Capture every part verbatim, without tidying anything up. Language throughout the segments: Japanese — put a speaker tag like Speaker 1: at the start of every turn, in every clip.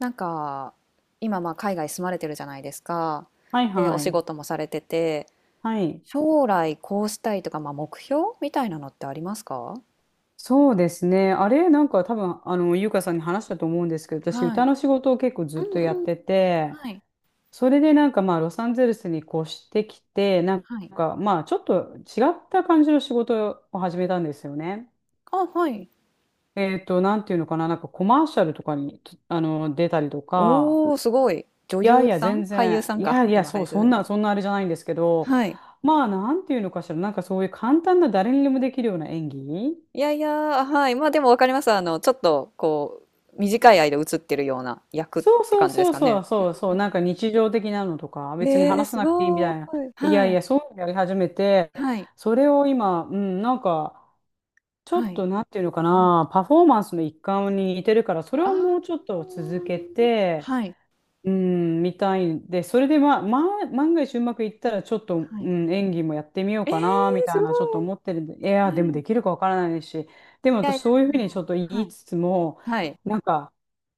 Speaker 1: なんか今まあ海外住まれてるじゃないですか。
Speaker 2: はい
Speaker 1: で、お
Speaker 2: は
Speaker 1: 仕
Speaker 2: い。
Speaker 1: 事もされてて、
Speaker 2: はい。
Speaker 1: 将来こうしたいとか、まあ、目標みたいなのってありますか？
Speaker 2: そうですね。あれ、なんか多分、あの、ゆうかさんに話したと思うんですけど、私、
Speaker 1: は
Speaker 2: 歌
Speaker 1: い。
Speaker 2: の仕事を結構ず
Speaker 1: う
Speaker 2: っ
Speaker 1: ん
Speaker 2: とやっ
Speaker 1: うん。
Speaker 2: てて、
Speaker 1: はい。
Speaker 2: それでなんかまあ、ロサンゼルスに越してきて、なん
Speaker 1: はい。
Speaker 2: かまあ、ちょっと違った感じの仕事を始めたんですよね。
Speaker 1: あ、はい。
Speaker 2: えっと、なんていうのかな、なんかコマーシャルとかに、あの、出たりとか、
Speaker 1: おー、すごい。女
Speaker 2: いや
Speaker 1: 優
Speaker 2: いや、
Speaker 1: さん
Speaker 2: 全
Speaker 1: 俳優
Speaker 2: 然、
Speaker 1: さん
Speaker 2: い
Speaker 1: か。
Speaker 2: やいや、
Speaker 1: 今、俳
Speaker 2: そ
Speaker 1: 優
Speaker 2: う、
Speaker 1: さ
Speaker 2: そん
Speaker 1: ん
Speaker 2: な、
Speaker 1: ね。
Speaker 2: そんなあれじゃないんですけど、
Speaker 1: はい。
Speaker 2: まあ、なんていうのかしら、なんかそういう簡単な誰にでもできるような演技。
Speaker 1: いやいや、はい。まあでもわかります。あの、ちょっと、こう、短い間映ってるような役っ
Speaker 2: そう
Speaker 1: て
Speaker 2: そう
Speaker 1: 感じです
Speaker 2: そう
Speaker 1: か
Speaker 2: そ
Speaker 1: ね。
Speaker 2: う
Speaker 1: うん
Speaker 2: そうそう、なんか日常的なのとか、
Speaker 1: うん。
Speaker 2: 別に
Speaker 1: えー、
Speaker 2: 話さ
Speaker 1: す
Speaker 2: なくていいみ
Speaker 1: ごー
Speaker 2: たいな。
Speaker 1: い。
Speaker 2: いや
Speaker 1: は
Speaker 2: い
Speaker 1: い。
Speaker 2: や、そういうのやり始めて、
Speaker 1: はい。
Speaker 2: それを今、うん、なんか、ちょ
Speaker 1: は
Speaker 2: っ
Speaker 1: い。
Speaker 2: となんていうのか
Speaker 1: うん
Speaker 2: な、パフォーマンスの一環に似てるから、それ
Speaker 1: あ
Speaker 2: をもう
Speaker 1: あ。
Speaker 2: ちょっと続けて、
Speaker 1: はい、
Speaker 2: うん、みたいんで、それで、まあ、まあ、万が一うまくいったら、ちょっと、
Speaker 1: は
Speaker 2: う
Speaker 1: い。
Speaker 2: ん、演技もやってみよう
Speaker 1: え
Speaker 2: かな、み
Speaker 1: え、す
Speaker 2: たい
Speaker 1: ごい。
Speaker 2: な、ちょっと思ってるんで、い
Speaker 1: は
Speaker 2: や、でも
Speaker 1: い。
Speaker 2: できる
Speaker 1: い
Speaker 2: かわからないし、でも
Speaker 1: やい
Speaker 2: 私、
Speaker 1: や、
Speaker 2: そういうふう
Speaker 1: で
Speaker 2: にちょ
Speaker 1: も
Speaker 2: っと言
Speaker 1: は
Speaker 2: い
Speaker 1: い、
Speaker 2: つつも、
Speaker 1: はい。
Speaker 2: なんか、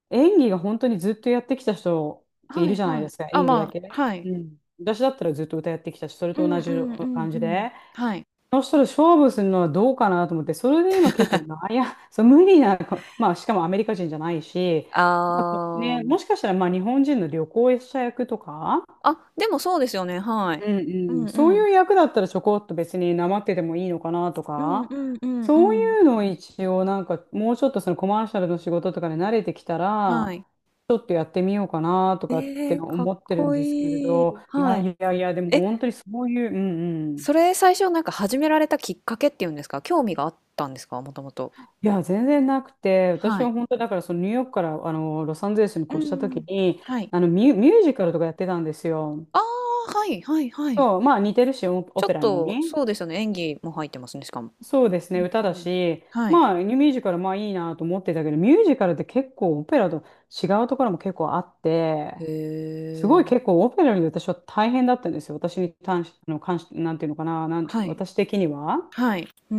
Speaker 2: 演技が本当にずっとやってきた人ってい
Speaker 1: は
Speaker 2: る
Speaker 1: い
Speaker 2: じゃない
Speaker 1: は
Speaker 2: で
Speaker 1: い。
Speaker 2: すか、
Speaker 1: あ、
Speaker 2: 演技だ
Speaker 1: ま
Speaker 2: け。
Speaker 1: あ、はい。
Speaker 2: うん。私だったらずっと歌やってきたし、それ
Speaker 1: う
Speaker 2: と
Speaker 1: んう
Speaker 2: 同じ
Speaker 1: んうん
Speaker 2: 感
Speaker 1: う
Speaker 2: じ
Speaker 1: ん。
Speaker 2: で。
Speaker 1: はい。
Speaker 2: そしたら勝負するのはどうかなと思って、それで今結構 悩ん、そう、無理な、まあしかもアメリカ人じゃないし、まあ
Speaker 1: ああ。
Speaker 2: ね、もしかしたらまあ日本人の旅行者役とか、
Speaker 1: あ、でもそうですよね、はい。
Speaker 2: う
Speaker 1: う
Speaker 2: んう
Speaker 1: ん
Speaker 2: ん、そ
Speaker 1: う
Speaker 2: うい
Speaker 1: ん。
Speaker 2: う役だったらちょこっと別になまっててもいいのかなと
Speaker 1: うんう
Speaker 2: か、
Speaker 1: んうんう
Speaker 2: そう
Speaker 1: ん。
Speaker 2: いうのを一応なんかもうちょっとそのコマーシャルの仕事とかで慣れてきた
Speaker 1: は
Speaker 2: ら、
Speaker 1: い。
Speaker 2: ちょっとやってみようかなと
Speaker 1: え
Speaker 2: かって
Speaker 1: ーかっ
Speaker 2: 思ってるん
Speaker 1: こ
Speaker 2: ですけれ
Speaker 1: いい。
Speaker 2: ど、い
Speaker 1: は
Speaker 2: や
Speaker 1: い。
Speaker 2: いやいや、でも
Speaker 1: え、
Speaker 2: 本当にそういう、うんう
Speaker 1: そ
Speaker 2: ん。
Speaker 1: れ最初なんか始められたきっかけっていうんですか、興味があったんですか？もともと。
Speaker 2: いや、全然なくて、私
Speaker 1: はい。
Speaker 2: は本当だからそのニューヨークからあのロサンゼルスに
Speaker 1: う
Speaker 2: 越した
Speaker 1: んう
Speaker 2: 時
Speaker 1: ん。
Speaker 2: に、
Speaker 1: はい。
Speaker 2: あのミュ、ミュージカルとかやってたんですよ。
Speaker 1: ああ、はいはいはい。
Speaker 2: そう、まあ似てるし、オ
Speaker 1: ち
Speaker 2: オ
Speaker 1: ょ
Speaker 2: ペ
Speaker 1: っ
Speaker 2: ラ
Speaker 1: と、
Speaker 2: に。
Speaker 1: そうですよね、演技も入ってますね、しかも。
Speaker 2: そうです
Speaker 1: う
Speaker 2: ね、歌
Speaker 1: んう
Speaker 2: だ
Speaker 1: ん。
Speaker 2: し、
Speaker 1: はい。
Speaker 2: まあ、ミュージカル、まあいいなと思ってたけど、ミュージカルって結構オペラと違うところも結構あって、
Speaker 1: へ
Speaker 2: すごい結
Speaker 1: え。
Speaker 2: 構オペラより私は大変だったんですよ。私に関し、あの、関し、なんていうのかな、なん、
Speaker 1: はい。
Speaker 2: 私的には。
Speaker 1: はい。うー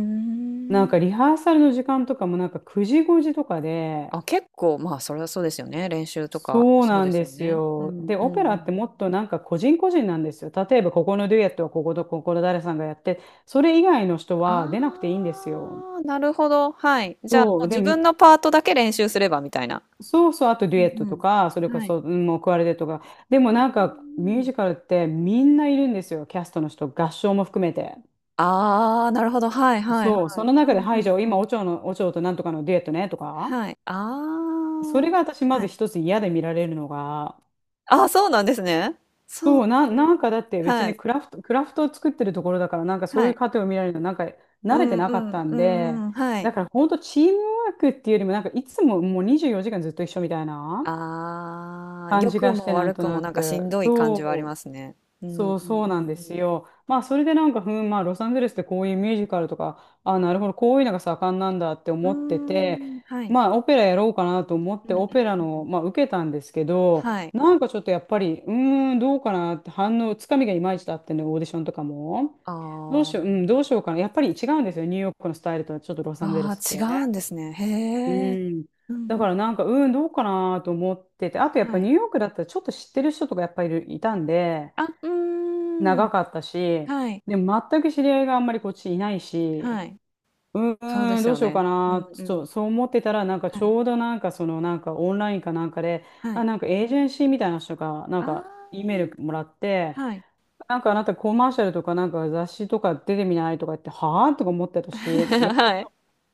Speaker 2: なん
Speaker 1: ん。
Speaker 2: かリハーサルの時間とかもなんかくじごじとかで、
Speaker 1: あ、結構、まあ、それはそうですよね。練習とか、
Speaker 2: そう
Speaker 1: そう
Speaker 2: な
Speaker 1: で
Speaker 2: ん
Speaker 1: す
Speaker 2: で
Speaker 1: よ
Speaker 2: す
Speaker 1: ね。う
Speaker 2: よ。
Speaker 1: ん
Speaker 2: で、
Speaker 1: う
Speaker 2: オ
Speaker 1: ん
Speaker 2: ペ
Speaker 1: う
Speaker 2: ラっ
Speaker 1: ん。
Speaker 2: てもっとなんか個人個人なんですよ。例えばここのデュエットはこことここの誰さんがやって、それ以外の人は出なくていいんで
Speaker 1: あ
Speaker 2: すよ。
Speaker 1: あ、なるほど。はい。じゃあ、
Speaker 2: そ
Speaker 1: もう
Speaker 2: う、で
Speaker 1: 自分のパートだけ練習すればみたいな。
Speaker 2: そうそう、あとデ
Speaker 1: う
Speaker 2: ュエットと
Speaker 1: ん
Speaker 2: か、それ
Speaker 1: うん。
Speaker 2: こ
Speaker 1: はい。
Speaker 2: そ、うん、もうクワルテットとか。でも
Speaker 1: う
Speaker 2: なんか、ミ
Speaker 1: ー
Speaker 2: ュー
Speaker 1: ん。
Speaker 2: ジカルってみんないるんですよ、キャストの人、合唱も含めて。
Speaker 1: ああ、なるほど。はいはいは
Speaker 2: そう、そ
Speaker 1: い。
Speaker 2: の
Speaker 1: う
Speaker 2: 中で、
Speaker 1: んう
Speaker 2: はい、じ
Speaker 1: ん
Speaker 2: ゃあ
Speaker 1: う
Speaker 2: 今、
Speaker 1: ん。
Speaker 2: オチョの、オチョとなんとかのデュエットね、とか。
Speaker 1: はい。あ
Speaker 2: それが私、
Speaker 1: あ。
Speaker 2: ま
Speaker 1: は
Speaker 2: ず
Speaker 1: い。
Speaker 2: 一つ嫌で見られるのが、
Speaker 1: あ、そうなんですね。そう。
Speaker 2: そう、な、なんかだって別
Speaker 1: は
Speaker 2: に
Speaker 1: い。
Speaker 2: クラフト、クラフトを作ってるところだから、なんかそう
Speaker 1: は
Speaker 2: いう
Speaker 1: い。
Speaker 2: 過程を見られるの、なんか
Speaker 1: う
Speaker 2: 慣れて
Speaker 1: ん
Speaker 2: な
Speaker 1: う
Speaker 2: かっ
Speaker 1: ん
Speaker 2: たん
Speaker 1: う
Speaker 2: で、
Speaker 1: んうん。はい。
Speaker 2: だから本当チームワークっていうよりも、なんかいつももうにじゅうよじかんずっと一緒みたいな。
Speaker 1: ああ、
Speaker 2: 感
Speaker 1: 良
Speaker 2: じ
Speaker 1: く
Speaker 2: がし
Speaker 1: も
Speaker 2: て、なん
Speaker 1: 悪
Speaker 2: と
Speaker 1: くも
Speaker 2: な
Speaker 1: なんかし
Speaker 2: く。
Speaker 1: んどい感じはあり
Speaker 2: そ
Speaker 1: ま
Speaker 2: う
Speaker 1: すね。うんう
Speaker 2: そうそうなん
Speaker 1: ん
Speaker 2: で
Speaker 1: う
Speaker 2: す
Speaker 1: ん
Speaker 2: よ。まあそれでなんか、ふん、まあロサンゼルスってこういうミュージカルとか、あ、なるほど、こういうのが盛んなんだって
Speaker 1: う
Speaker 2: 思ってて、
Speaker 1: ん。うーん、はい。
Speaker 2: まあオペラやろうかなと思っ
Speaker 1: う
Speaker 2: て
Speaker 1: んうん
Speaker 2: オペラ
Speaker 1: う
Speaker 2: の、
Speaker 1: ん。
Speaker 2: まあ、受けたんですけど、
Speaker 1: はい。
Speaker 2: なんかちょっとやっぱり、うーん、どうかなって反応、つかみがいまいちだってね、オーディションとかも。
Speaker 1: あ
Speaker 2: どうしよう、うん、どう
Speaker 1: あ。
Speaker 2: しようかな。やっぱり違うんですよ、ニューヨークのスタイルとはちょっとロサンゼル
Speaker 1: ああ、
Speaker 2: スっ
Speaker 1: 違
Speaker 2: て。
Speaker 1: うんですね。
Speaker 2: う
Speaker 1: へえ。
Speaker 2: ん。
Speaker 1: うん
Speaker 2: だ
Speaker 1: う
Speaker 2: か
Speaker 1: ん。
Speaker 2: らなんか、うん、どうかなと思ってて、あとやっぱ
Speaker 1: はい。
Speaker 2: ニューヨークだったらちょっと知ってる人とかやっぱりいるいたんで、
Speaker 1: あ、うーん。
Speaker 2: 長かったし、
Speaker 1: はい。
Speaker 2: でも全く知り合いがあんまりこっちいないし、
Speaker 1: はい。
Speaker 2: う
Speaker 1: そうで
Speaker 2: ーん、
Speaker 1: す
Speaker 2: どう
Speaker 1: よ
Speaker 2: しようか
Speaker 1: ね。うん
Speaker 2: な、ち
Speaker 1: う
Speaker 2: ょ
Speaker 1: ん。
Speaker 2: っとそう思ってたら、なんか
Speaker 1: は
Speaker 2: ち
Speaker 1: い。
Speaker 2: ょうどなんかそのなんかオンラインかなんかで、
Speaker 1: はい。
Speaker 2: あ、なんかエージェンシーみたいな人が、なん
Speaker 1: あ
Speaker 2: か E メールも
Speaker 1: あ、
Speaker 2: らって、
Speaker 1: はい。
Speaker 2: なんかあなたコマーシャルとかなんか雑誌とか出てみないとか言って、はぁとか思ってた し、やったこ
Speaker 1: はい。
Speaker 2: と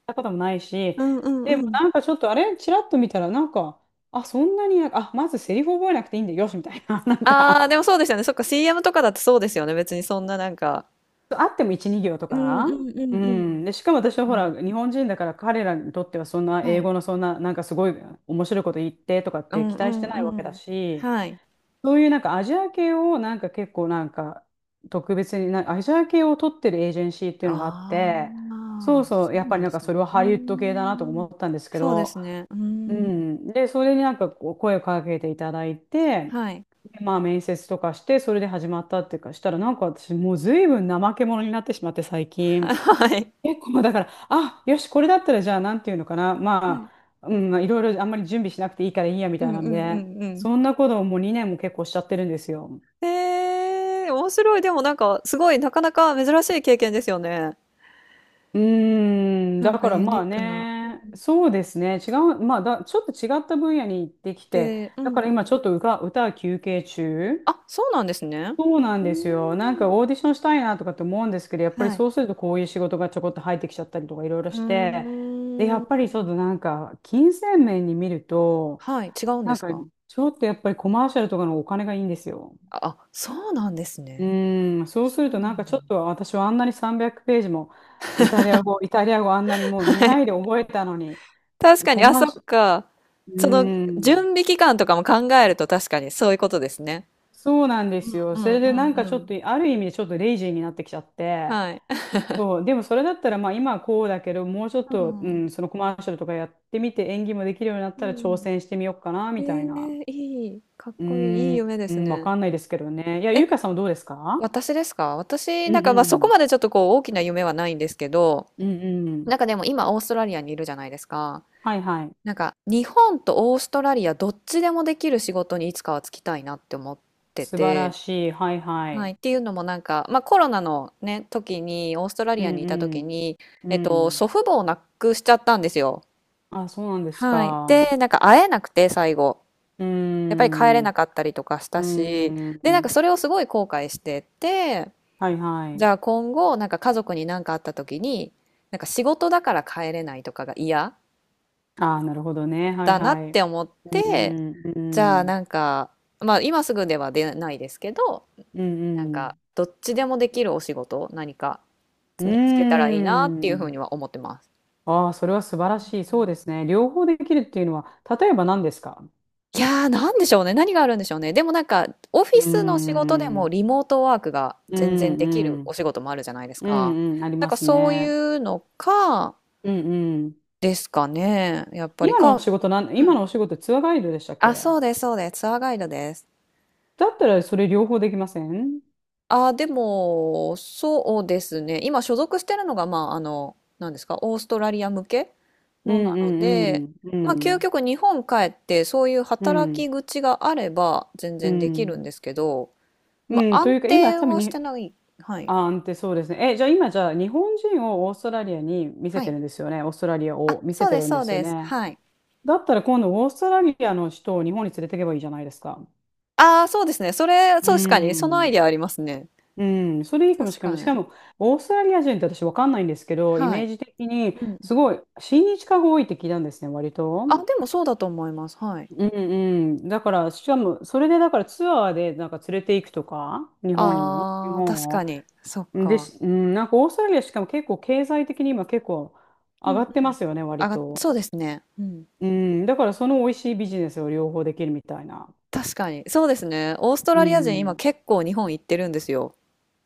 Speaker 2: やったこともないし、
Speaker 1: うんうん
Speaker 2: でも
Speaker 1: うん。
Speaker 2: なんかちょっとあれ、ちらっと見たらなんか、あ、そんなに、あ、まずセリフ覚えなくていいんだよ、よし、みたいな、なん
Speaker 1: ああ、
Speaker 2: か
Speaker 1: でもそうですよね。そっか、シーエム とかだとそうですよね。別にそんななんか。
Speaker 2: あってもいち、に行と
Speaker 1: うんう
Speaker 2: か。
Speaker 1: んう
Speaker 2: う
Speaker 1: んう
Speaker 2: ん。
Speaker 1: ん。
Speaker 2: で、しかも
Speaker 1: そっ
Speaker 2: 私はほ
Speaker 1: か。
Speaker 2: ら、日本人だから彼らにとってはそんな
Speaker 1: は
Speaker 2: 英
Speaker 1: い。
Speaker 2: 語のそんな、なんかすごい面白いこと言ってとかっ
Speaker 1: う
Speaker 2: て
Speaker 1: ん
Speaker 2: 期
Speaker 1: う
Speaker 2: 待し
Speaker 1: ん
Speaker 2: てない
Speaker 1: う
Speaker 2: わけだ
Speaker 1: ん。
Speaker 2: し、
Speaker 1: はい。
Speaker 2: そういうなんかアジア系をなんか結構なんか特別にな、アジア系を取ってるエージェンシーっていうのがあっ
Speaker 1: あ
Speaker 2: て、そ
Speaker 1: あ、
Speaker 2: うそう、
Speaker 1: そ
Speaker 2: や
Speaker 1: う
Speaker 2: っぱ
Speaker 1: な
Speaker 2: り
Speaker 1: ん
Speaker 2: な
Speaker 1: で
Speaker 2: んか
Speaker 1: すね。
Speaker 2: それは
Speaker 1: うー
Speaker 2: ハリウッド系だなと
Speaker 1: ん。
Speaker 2: 思ったんですけ
Speaker 1: そうで
Speaker 2: ど、
Speaker 1: すね。うー
Speaker 2: う
Speaker 1: ん。
Speaker 2: ん。で、それになんかこう声をかけていただいて、
Speaker 1: はい。
Speaker 2: でまあ面接とかして、それで始まったっていうか、したらなんか私もう随分怠け者になってしまって最 近。
Speaker 1: はい。
Speaker 2: 結構だから、あ、よし、これだったらじゃあなんていうのかな。
Speaker 1: は
Speaker 2: ま
Speaker 1: い。
Speaker 2: あ、うん、まあいろいろあんまり準備しなくていいからいいやみ
Speaker 1: うん
Speaker 2: た
Speaker 1: う
Speaker 2: いな
Speaker 1: ん
Speaker 2: の
Speaker 1: う
Speaker 2: で、
Speaker 1: んうん。
Speaker 2: そんなことをもうにねんも結構しちゃってるんですよ。
Speaker 1: へえ、面白い。でもなんか、すごい、なかなか珍しい経験ですよね。
Speaker 2: うーん、
Speaker 1: なん
Speaker 2: だ
Speaker 1: か
Speaker 2: から
Speaker 1: ユ
Speaker 2: ま
Speaker 1: ニー
Speaker 2: あ
Speaker 1: クな。う
Speaker 2: ね、
Speaker 1: ん。
Speaker 2: そうですね、違う、まあだ、ちょっと違った分野に行ってきて、
Speaker 1: でう
Speaker 2: だ
Speaker 1: んう
Speaker 2: か
Speaker 1: んう
Speaker 2: ら今ちょっとう
Speaker 1: ん。
Speaker 2: か歌は休憩中。
Speaker 1: あ、そうなんですね。
Speaker 2: そうなん
Speaker 1: うー
Speaker 2: ですよ。なんか
Speaker 1: ん。
Speaker 2: オーディションしたいなとかって思うんですけど、やっぱり
Speaker 1: はい。
Speaker 2: そうするとこういう仕事がちょこっと入ってきちゃったりとかいろいろ
Speaker 1: うー
Speaker 2: して、で、やっぱ
Speaker 1: ん。
Speaker 2: りちょっとなんか金銭面に見ると、
Speaker 1: はい、違うんで
Speaker 2: なん
Speaker 1: す
Speaker 2: か
Speaker 1: か？
Speaker 2: ちょっとやっぱりコマーシャルとかのお金がいいんですよ。
Speaker 1: あ、あ、そうなんです
Speaker 2: う
Speaker 1: ね。
Speaker 2: ーん、そうす
Speaker 1: そ
Speaker 2: る
Speaker 1: う
Speaker 2: と
Speaker 1: な
Speaker 2: なん
Speaker 1: ん
Speaker 2: か
Speaker 1: だ。
Speaker 2: ちょっと私はあんなにさんびゃくページもイタリア語、イタリア語あんなにもう
Speaker 1: は
Speaker 2: 狙
Speaker 1: い。
Speaker 2: いで覚えたのに、
Speaker 1: 確か
Speaker 2: コ
Speaker 1: に、あ、
Speaker 2: マー
Speaker 1: そっ
Speaker 2: シャ
Speaker 1: か。
Speaker 2: ル、う
Speaker 1: その、
Speaker 2: ー
Speaker 1: 準
Speaker 2: ん、
Speaker 1: 備期間とかも考えると確かにそういうことですね。
Speaker 2: そうなんですよ。
Speaker 1: うんう
Speaker 2: それでな
Speaker 1: ん
Speaker 2: ん
Speaker 1: う
Speaker 2: か
Speaker 1: んう
Speaker 2: ちょっ
Speaker 1: ん。
Speaker 2: とある意味でちょっとレイジーになってきちゃって、
Speaker 1: はい。
Speaker 2: そう、でもそれだったら、まあ今はこうだけど、もうちょっ
Speaker 1: う
Speaker 2: と、う
Speaker 1: ん。
Speaker 2: ん、そのコマーシャルとかやってみて、演技もできるようになっ
Speaker 1: う
Speaker 2: たら挑
Speaker 1: ん。
Speaker 2: 戦してみようかな、
Speaker 1: え
Speaker 2: みたいな。
Speaker 1: ーいい、かっ
Speaker 2: うー
Speaker 1: こいい、いい
Speaker 2: ん、
Speaker 1: 夢で
Speaker 2: う
Speaker 1: す
Speaker 2: ん、わ
Speaker 1: ね。
Speaker 2: かんないですけどね。いや、
Speaker 1: え、
Speaker 2: ゆうかさんはどうですか？
Speaker 1: 私ですか？私、
Speaker 2: う
Speaker 1: なん
Speaker 2: んう
Speaker 1: か、ま、そこ
Speaker 2: ん。
Speaker 1: までちょっとこう大きな夢はないんですけど、
Speaker 2: うんうん。
Speaker 1: なんかでも今オーストラリアにいるじゃないですか。
Speaker 2: はいはい。
Speaker 1: なんか日本とオーストラリアどっちでもできる仕事にいつかは就きたいなって思って
Speaker 2: 素晴ら
Speaker 1: て、
Speaker 2: しい。はいは
Speaker 1: はい、
Speaker 2: い。
Speaker 1: っていうのもなんか、まあ、コロナのね時にオーストラ
Speaker 2: う
Speaker 1: リアにいた時
Speaker 2: ん
Speaker 1: に、
Speaker 2: うん。う
Speaker 1: えっと、
Speaker 2: ん。
Speaker 1: 祖父母を亡くしちゃったんですよ。
Speaker 2: あ、そうなんです
Speaker 1: はい、
Speaker 2: か。う
Speaker 1: でなんか会えなくて最後
Speaker 2: ー
Speaker 1: やっぱり帰れ
Speaker 2: ん。
Speaker 1: な
Speaker 2: う
Speaker 1: かったりとかした
Speaker 2: ー
Speaker 1: し、でなんか
Speaker 2: ん。
Speaker 1: それをすごい後悔してて、
Speaker 2: はいは
Speaker 1: じ
Speaker 2: い。
Speaker 1: ゃあ今後なんか家族に何かあった時になんか仕事だから帰れないとかが嫌
Speaker 2: ああ、なるほどね。はい
Speaker 1: だな
Speaker 2: は
Speaker 1: って
Speaker 2: い。
Speaker 1: 思っ
Speaker 2: う
Speaker 1: て。
Speaker 2: んう
Speaker 1: じゃあ
Speaker 2: ん。
Speaker 1: なんか、まあ今すぐでは出ないですけど、
Speaker 2: うん
Speaker 1: なん
Speaker 2: う
Speaker 1: か
Speaker 2: ん。
Speaker 1: どっちでもできるお仕事、何か
Speaker 2: うー
Speaker 1: につけたらいいなっていうふう
Speaker 2: ん。
Speaker 1: には思ってます。
Speaker 2: ああ、それは素晴らしい。そうですね。両方できるっていうのは、例えば何ですか？
Speaker 1: いやー、なんでしょうね。何があるんでしょうね。でもなんか、オフィ
Speaker 2: うー
Speaker 1: スの仕事でも
Speaker 2: ん。
Speaker 1: リモートワークが
Speaker 2: う
Speaker 1: 全然
Speaker 2: ん
Speaker 1: できる
Speaker 2: う
Speaker 1: お
Speaker 2: ん。
Speaker 1: 仕事もあるじゃないです
Speaker 2: う
Speaker 1: か。
Speaker 2: んうん。あり
Speaker 1: なん
Speaker 2: ま
Speaker 1: か
Speaker 2: す
Speaker 1: そうい
Speaker 2: ね。
Speaker 1: うのか、
Speaker 2: うんうん。
Speaker 1: ですかね。やっぱり
Speaker 2: 今の
Speaker 1: か、
Speaker 2: お
Speaker 1: う
Speaker 2: 仕事なん、今
Speaker 1: ん
Speaker 2: のお仕事ツアーガイドでしたっ
Speaker 1: あ、
Speaker 2: け？
Speaker 1: そうです、そうです。ツアーガイドです。
Speaker 2: だったらそれ両方できません？
Speaker 1: ああ、でも、そうですね。今所属してるのが、まあ、あの、何ですか、オーストラリア向け
Speaker 2: う
Speaker 1: のな
Speaker 2: ん
Speaker 1: ので、
Speaker 2: うんう
Speaker 1: まあ、究
Speaker 2: ん。
Speaker 1: 極日本帰って、そういう
Speaker 2: う
Speaker 1: 働
Speaker 2: ん。
Speaker 1: き口があれば、全
Speaker 2: う
Speaker 1: 然できるん
Speaker 2: ん。
Speaker 1: ですけど、ま
Speaker 2: う
Speaker 1: あ、
Speaker 2: ん。と
Speaker 1: 安
Speaker 2: いうか、今
Speaker 1: 定
Speaker 2: 多分
Speaker 1: はして
Speaker 2: に、
Speaker 1: ない。はい。
Speaker 2: あーんってそうですね。え、じゃあ今じゃあ日本人をオーストラリアに見せ
Speaker 1: は
Speaker 2: て
Speaker 1: い。
Speaker 2: るんですよね。オーストラリア
Speaker 1: あ、
Speaker 2: を見せ
Speaker 1: そう
Speaker 2: て
Speaker 1: で
Speaker 2: る
Speaker 1: す、
Speaker 2: ん
Speaker 1: そ
Speaker 2: で
Speaker 1: う
Speaker 2: すよ
Speaker 1: です。
Speaker 2: ね。
Speaker 1: はい。
Speaker 2: だったら今度オーストラリアの人を日本に連れてけばいいじゃないですか。
Speaker 1: ああ、そうですね。それ、
Speaker 2: う
Speaker 1: そう確かに、そのアイ
Speaker 2: ん。
Speaker 1: デアありますね。
Speaker 2: うん、それいいかも
Speaker 1: 確
Speaker 2: しれな
Speaker 1: か
Speaker 2: い。し
Speaker 1: に。
Speaker 2: かも、オーストラリア人って私わかんないんですけど、イ
Speaker 1: は
Speaker 2: メー
Speaker 1: い。
Speaker 2: ジ的に
Speaker 1: うん。
Speaker 2: すごい親日家が多いって聞いたんですね、割と。
Speaker 1: あ、でもそうだと思います。はい。
Speaker 2: うんうん。だから、しかも、それでだからツアーでなんか連れて行くとか、日本に、日
Speaker 1: ああ、確
Speaker 2: 本
Speaker 1: か
Speaker 2: を。
Speaker 1: に。そっ
Speaker 2: で、
Speaker 1: か。
Speaker 2: しうん、なんかオーストラリア、しかも結構経済的に今結構
Speaker 1: う
Speaker 2: 上
Speaker 1: んう
Speaker 2: が
Speaker 1: ん。
Speaker 2: ってますよね、
Speaker 1: あ
Speaker 2: 割
Speaker 1: が
Speaker 2: と。
Speaker 1: そうですね。うん。
Speaker 2: うん、だからその美味しいビジネスを両方できるみたいな。
Speaker 1: 確かに。そうですね。オースト
Speaker 2: う
Speaker 1: ラリア人、今
Speaker 2: ん。
Speaker 1: 結構日本行ってるんですよ。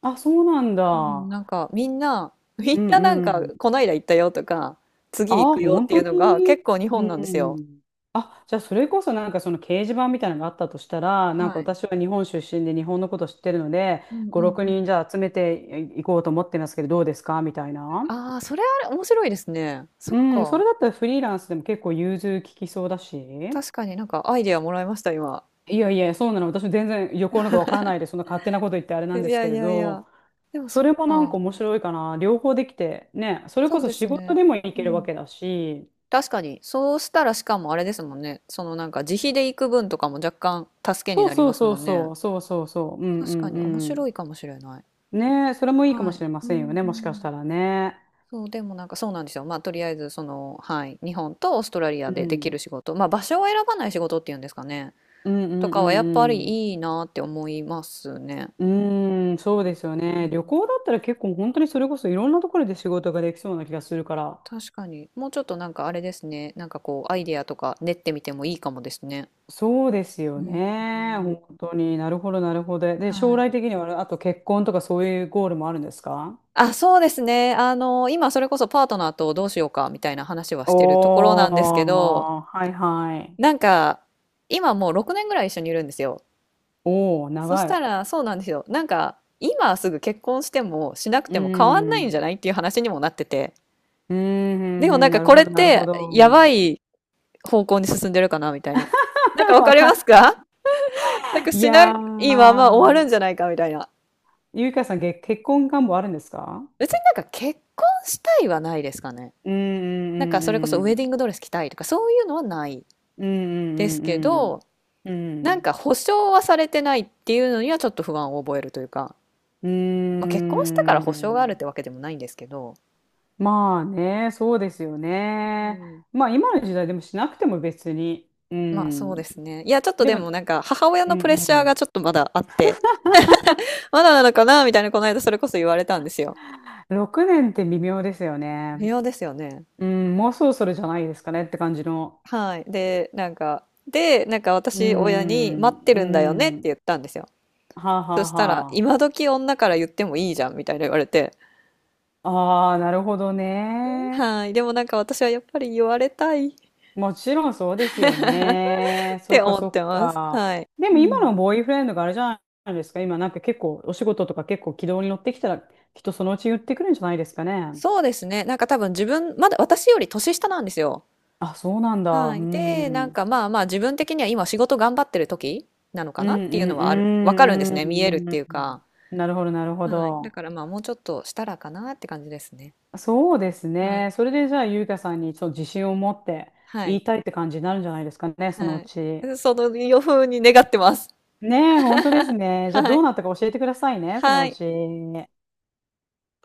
Speaker 2: あ、そうなん
Speaker 1: うん、
Speaker 2: だ。
Speaker 1: なんかみんな、み
Speaker 2: う
Speaker 1: んななん
Speaker 2: んう
Speaker 1: か、
Speaker 2: ん。
Speaker 1: こないだ行ったよとか、次行
Speaker 2: ああ、
Speaker 1: くよっ
Speaker 2: 本
Speaker 1: てい
Speaker 2: 当
Speaker 1: うのが
Speaker 2: に？
Speaker 1: 結構日
Speaker 2: う
Speaker 1: 本なんですよ。
Speaker 2: ん。あ、じゃあそれこそなんかその掲示板みたいなのがあったとしたら、なん
Speaker 1: は
Speaker 2: か
Speaker 1: い。
Speaker 2: 私は日本出身で日本のこと知ってるので、
Speaker 1: うんう
Speaker 2: ご、
Speaker 1: ん
Speaker 2: 6
Speaker 1: うん。
Speaker 2: 人じゃあ集めていこうと思ってますけど、どうですかみたいな。
Speaker 1: ああ、それあれ面白いですね。そっ
Speaker 2: うん、そ
Speaker 1: か。
Speaker 2: れだったらフリーランスでも結構融通利きそうだし。
Speaker 1: 確かになんかアイデアもらいました、今。
Speaker 2: いやいや、そうなの。私も全然旅行なんかわからないで、そんな勝手なこと言ってあれ
Speaker 1: い
Speaker 2: なんです
Speaker 1: や
Speaker 2: け
Speaker 1: い
Speaker 2: れ
Speaker 1: やいや。
Speaker 2: ど、
Speaker 1: でもそ
Speaker 2: そ
Speaker 1: っ
Speaker 2: れもなんか
Speaker 1: か。
Speaker 2: 面白いかな。両方できて、ね、それ
Speaker 1: そ
Speaker 2: こ
Speaker 1: う
Speaker 2: そ
Speaker 1: です
Speaker 2: 仕事
Speaker 1: ね。
Speaker 2: でもい
Speaker 1: う
Speaker 2: けるわ
Speaker 1: ん。
Speaker 2: けだし、
Speaker 1: 確かに。そうしたらしかもあれですもんね。そのなんか自費で行く分とかも若干助けに
Speaker 2: そう
Speaker 1: なり
Speaker 2: そ
Speaker 1: ま
Speaker 2: う
Speaker 1: す
Speaker 2: そ
Speaker 1: も
Speaker 2: う
Speaker 1: んね。
Speaker 2: そうそうそうそう。うんう
Speaker 1: 確か
Speaker 2: ん
Speaker 1: に面
Speaker 2: う
Speaker 1: 白
Speaker 2: ん。
Speaker 1: いかもしれない。
Speaker 2: ねえ、それもいいかも
Speaker 1: は
Speaker 2: し
Speaker 1: い。
Speaker 2: れま
Speaker 1: うんう
Speaker 2: せんよね、もしかし
Speaker 1: ん。
Speaker 2: たらね。
Speaker 1: そう、でもなんかそうなんですよ。まあとりあえずその、はい、日本とオーストラリア
Speaker 2: う
Speaker 1: ででき
Speaker 2: ん。
Speaker 1: る仕事、まあ場所を選ばない仕事っていうんですかね。
Speaker 2: うんう
Speaker 1: と
Speaker 2: ん
Speaker 1: かはやっぱ
Speaker 2: うん
Speaker 1: りいいなって思いますね。
Speaker 2: うん。うーん、
Speaker 1: う
Speaker 2: そうで
Speaker 1: ん
Speaker 2: すよね。旅
Speaker 1: うん
Speaker 2: 行だったら結構本当にそれこそいろんなところで仕事ができそうな気がするから。
Speaker 1: 確かに。もうちょっとなんかあれですね。なんかこうアイデアとか練ってみてもいいかもですね。
Speaker 2: そうです
Speaker 1: う
Speaker 2: よね。
Speaker 1: ん。
Speaker 2: 本当になるほどなるほど。で、
Speaker 1: は
Speaker 2: 将
Speaker 1: い。
Speaker 2: 来的にはあと結婚とかそういうゴールもあるんですか？
Speaker 1: あ、そうですね。あの、今それこそパートナーとどうしようかみたいな話はしてるところなんですけ
Speaker 2: お
Speaker 1: ど、
Speaker 2: ー、はいはい。
Speaker 1: なんか、今もうろくねんぐらい一緒にいるんですよ。
Speaker 2: おー、
Speaker 1: そし
Speaker 2: 長
Speaker 1: た
Speaker 2: い。
Speaker 1: ら、そうなんですよ。なんか、今すぐ結婚してもしなくても変わんな
Speaker 2: う
Speaker 1: いんじゃないっていう話にもなってて。
Speaker 2: ーん、う
Speaker 1: でも
Speaker 2: んう
Speaker 1: なん
Speaker 2: ん
Speaker 1: か
Speaker 2: なる
Speaker 1: これ
Speaker 2: ほ
Speaker 1: っ
Speaker 2: どなるほ
Speaker 1: てや
Speaker 2: ど。
Speaker 1: ばい方向に進んでるかなみたいな。なんか わ
Speaker 2: わ
Speaker 1: かり
Speaker 2: かん
Speaker 1: ます
Speaker 2: な
Speaker 1: か？ なんか
Speaker 2: い。い
Speaker 1: しな
Speaker 2: や
Speaker 1: いまま終わるん
Speaker 2: ー、
Speaker 1: じゃないかみたいな。
Speaker 2: ゆいかさん、げ結婚願望あるんですか？
Speaker 1: 別になんか結婚したいはないですかね。
Speaker 2: うん
Speaker 1: なんかそれこそ
Speaker 2: う
Speaker 1: ウェディン
Speaker 2: ん
Speaker 1: グドレス着たいとかそういうのはない
Speaker 2: うん
Speaker 1: ですけ
Speaker 2: うんう
Speaker 1: ど、
Speaker 2: んうんう
Speaker 1: なん
Speaker 2: ん
Speaker 1: か保証はされてないっていうのにはちょっと不安を覚えるというか、
Speaker 2: う
Speaker 1: まあ、結婚したから
Speaker 2: んう
Speaker 1: 保証があるっ
Speaker 2: ん。
Speaker 1: てわけでもないんですけど、
Speaker 2: まあね、そうですよ
Speaker 1: う
Speaker 2: ね。
Speaker 1: ん、
Speaker 2: まあ今の時代でもしなくても別に。う
Speaker 1: まあそ
Speaker 2: ん。
Speaker 1: うですね。いや、ちょっと
Speaker 2: で
Speaker 1: で
Speaker 2: も、
Speaker 1: もなんか母親
Speaker 2: う
Speaker 1: のプレッシャーが
Speaker 2: ん、
Speaker 1: ちょっとまだあって、まだなのかなみたいなこの間それこそ言われたんですよ。
Speaker 2: ろくねんって微妙ですよ
Speaker 1: 微
Speaker 2: ね。
Speaker 1: 妙ですよね。
Speaker 2: うん、もうそろそろじゃないですかねって感じの。
Speaker 1: はい。で、なんか、で、なんか
Speaker 2: う
Speaker 1: 私親に
Speaker 2: ん
Speaker 1: 待って
Speaker 2: う
Speaker 1: るんだよねって
Speaker 2: ん。
Speaker 1: 言ったんですよ。
Speaker 2: はあは
Speaker 1: そ
Speaker 2: あ。
Speaker 1: したら、
Speaker 2: は
Speaker 1: 今時女から言ってもいいじゃんみたいな言われて、
Speaker 2: あ。あなるほどね。
Speaker 1: はい。でもなんか私はやっぱり言われたい
Speaker 2: もちろんそうですよね。そ
Speaker 1: て
Speaker 2: っか
Speaker 1: 思っ
Speaker 2: そっ
Speaker 1: てます。
Speaker 2: か。
Speaker 1: はい。
Speaker 2: で
Speaker 1: う
Speaker 2: も今
Speaker 1: ん。
Speaker 2: のボーイフレンドがあれじゃないですか。今なんか結構お仕事とか結構軌道に乗ってきたら、きっとそのうち言ってくるんじゃないですかね。
Speaker 1: そうですね。なんか多分自分、まだ私より年下なんですよ。
Speaker 2: あ、そうなんだ。
Speaker 1: は
Speaker 2: う
Speaker 1: い。で、なん
Speaker 2: ん。
Speaker 1: かまあまあ自分的には今仕事頑張ってる時なのか
Speaker 2: う
Speaker 1: なっ
Speaker 2: ん
Speaker 1: ていう
Speaker 2: う
Speaker 1: のはある、わかるんです
Speaker 2: んう
Speaker 1: ね。見えるっ
Speaker 2: んう
Speaker 1: て
Speaker 2: ん
Speaker 1: いう
Speaker 2: う
Speaker 1: か。
Speaker 2: ん。なるほどなるほ
Speaker 1: はい。だ
Speaker 2: ど。
Speaker 1: からまあもうちょっとしたらかなって感じですね。
Speaker 2: そうです
Speaker 1: は
Speaker 2: ね。
Speaker 1: い。
Speaker 2: それでじゃあゆう香さんにちょっと自信を持って
Speaker 1: は
Speaker 2: 言
Speaker 1: い。
Speaker 2: いたいって感じになるんじゃないですかね、その
Speaker 1: は
Speaker 2: う
Speaker 1: い。
Speaker 2: ち。
Speaker 1: その予風に願ってます。
Speaker 2: ねえ、本当です ね。じゃあ
Speaker 1: は
Speaker 2: どう
Speaker 1: い。
Speaker 2: なったか教えてくださいね、その
Speaker 1: は
Speaker 2: う
Speaker 1: い。
Speaker 2: ち。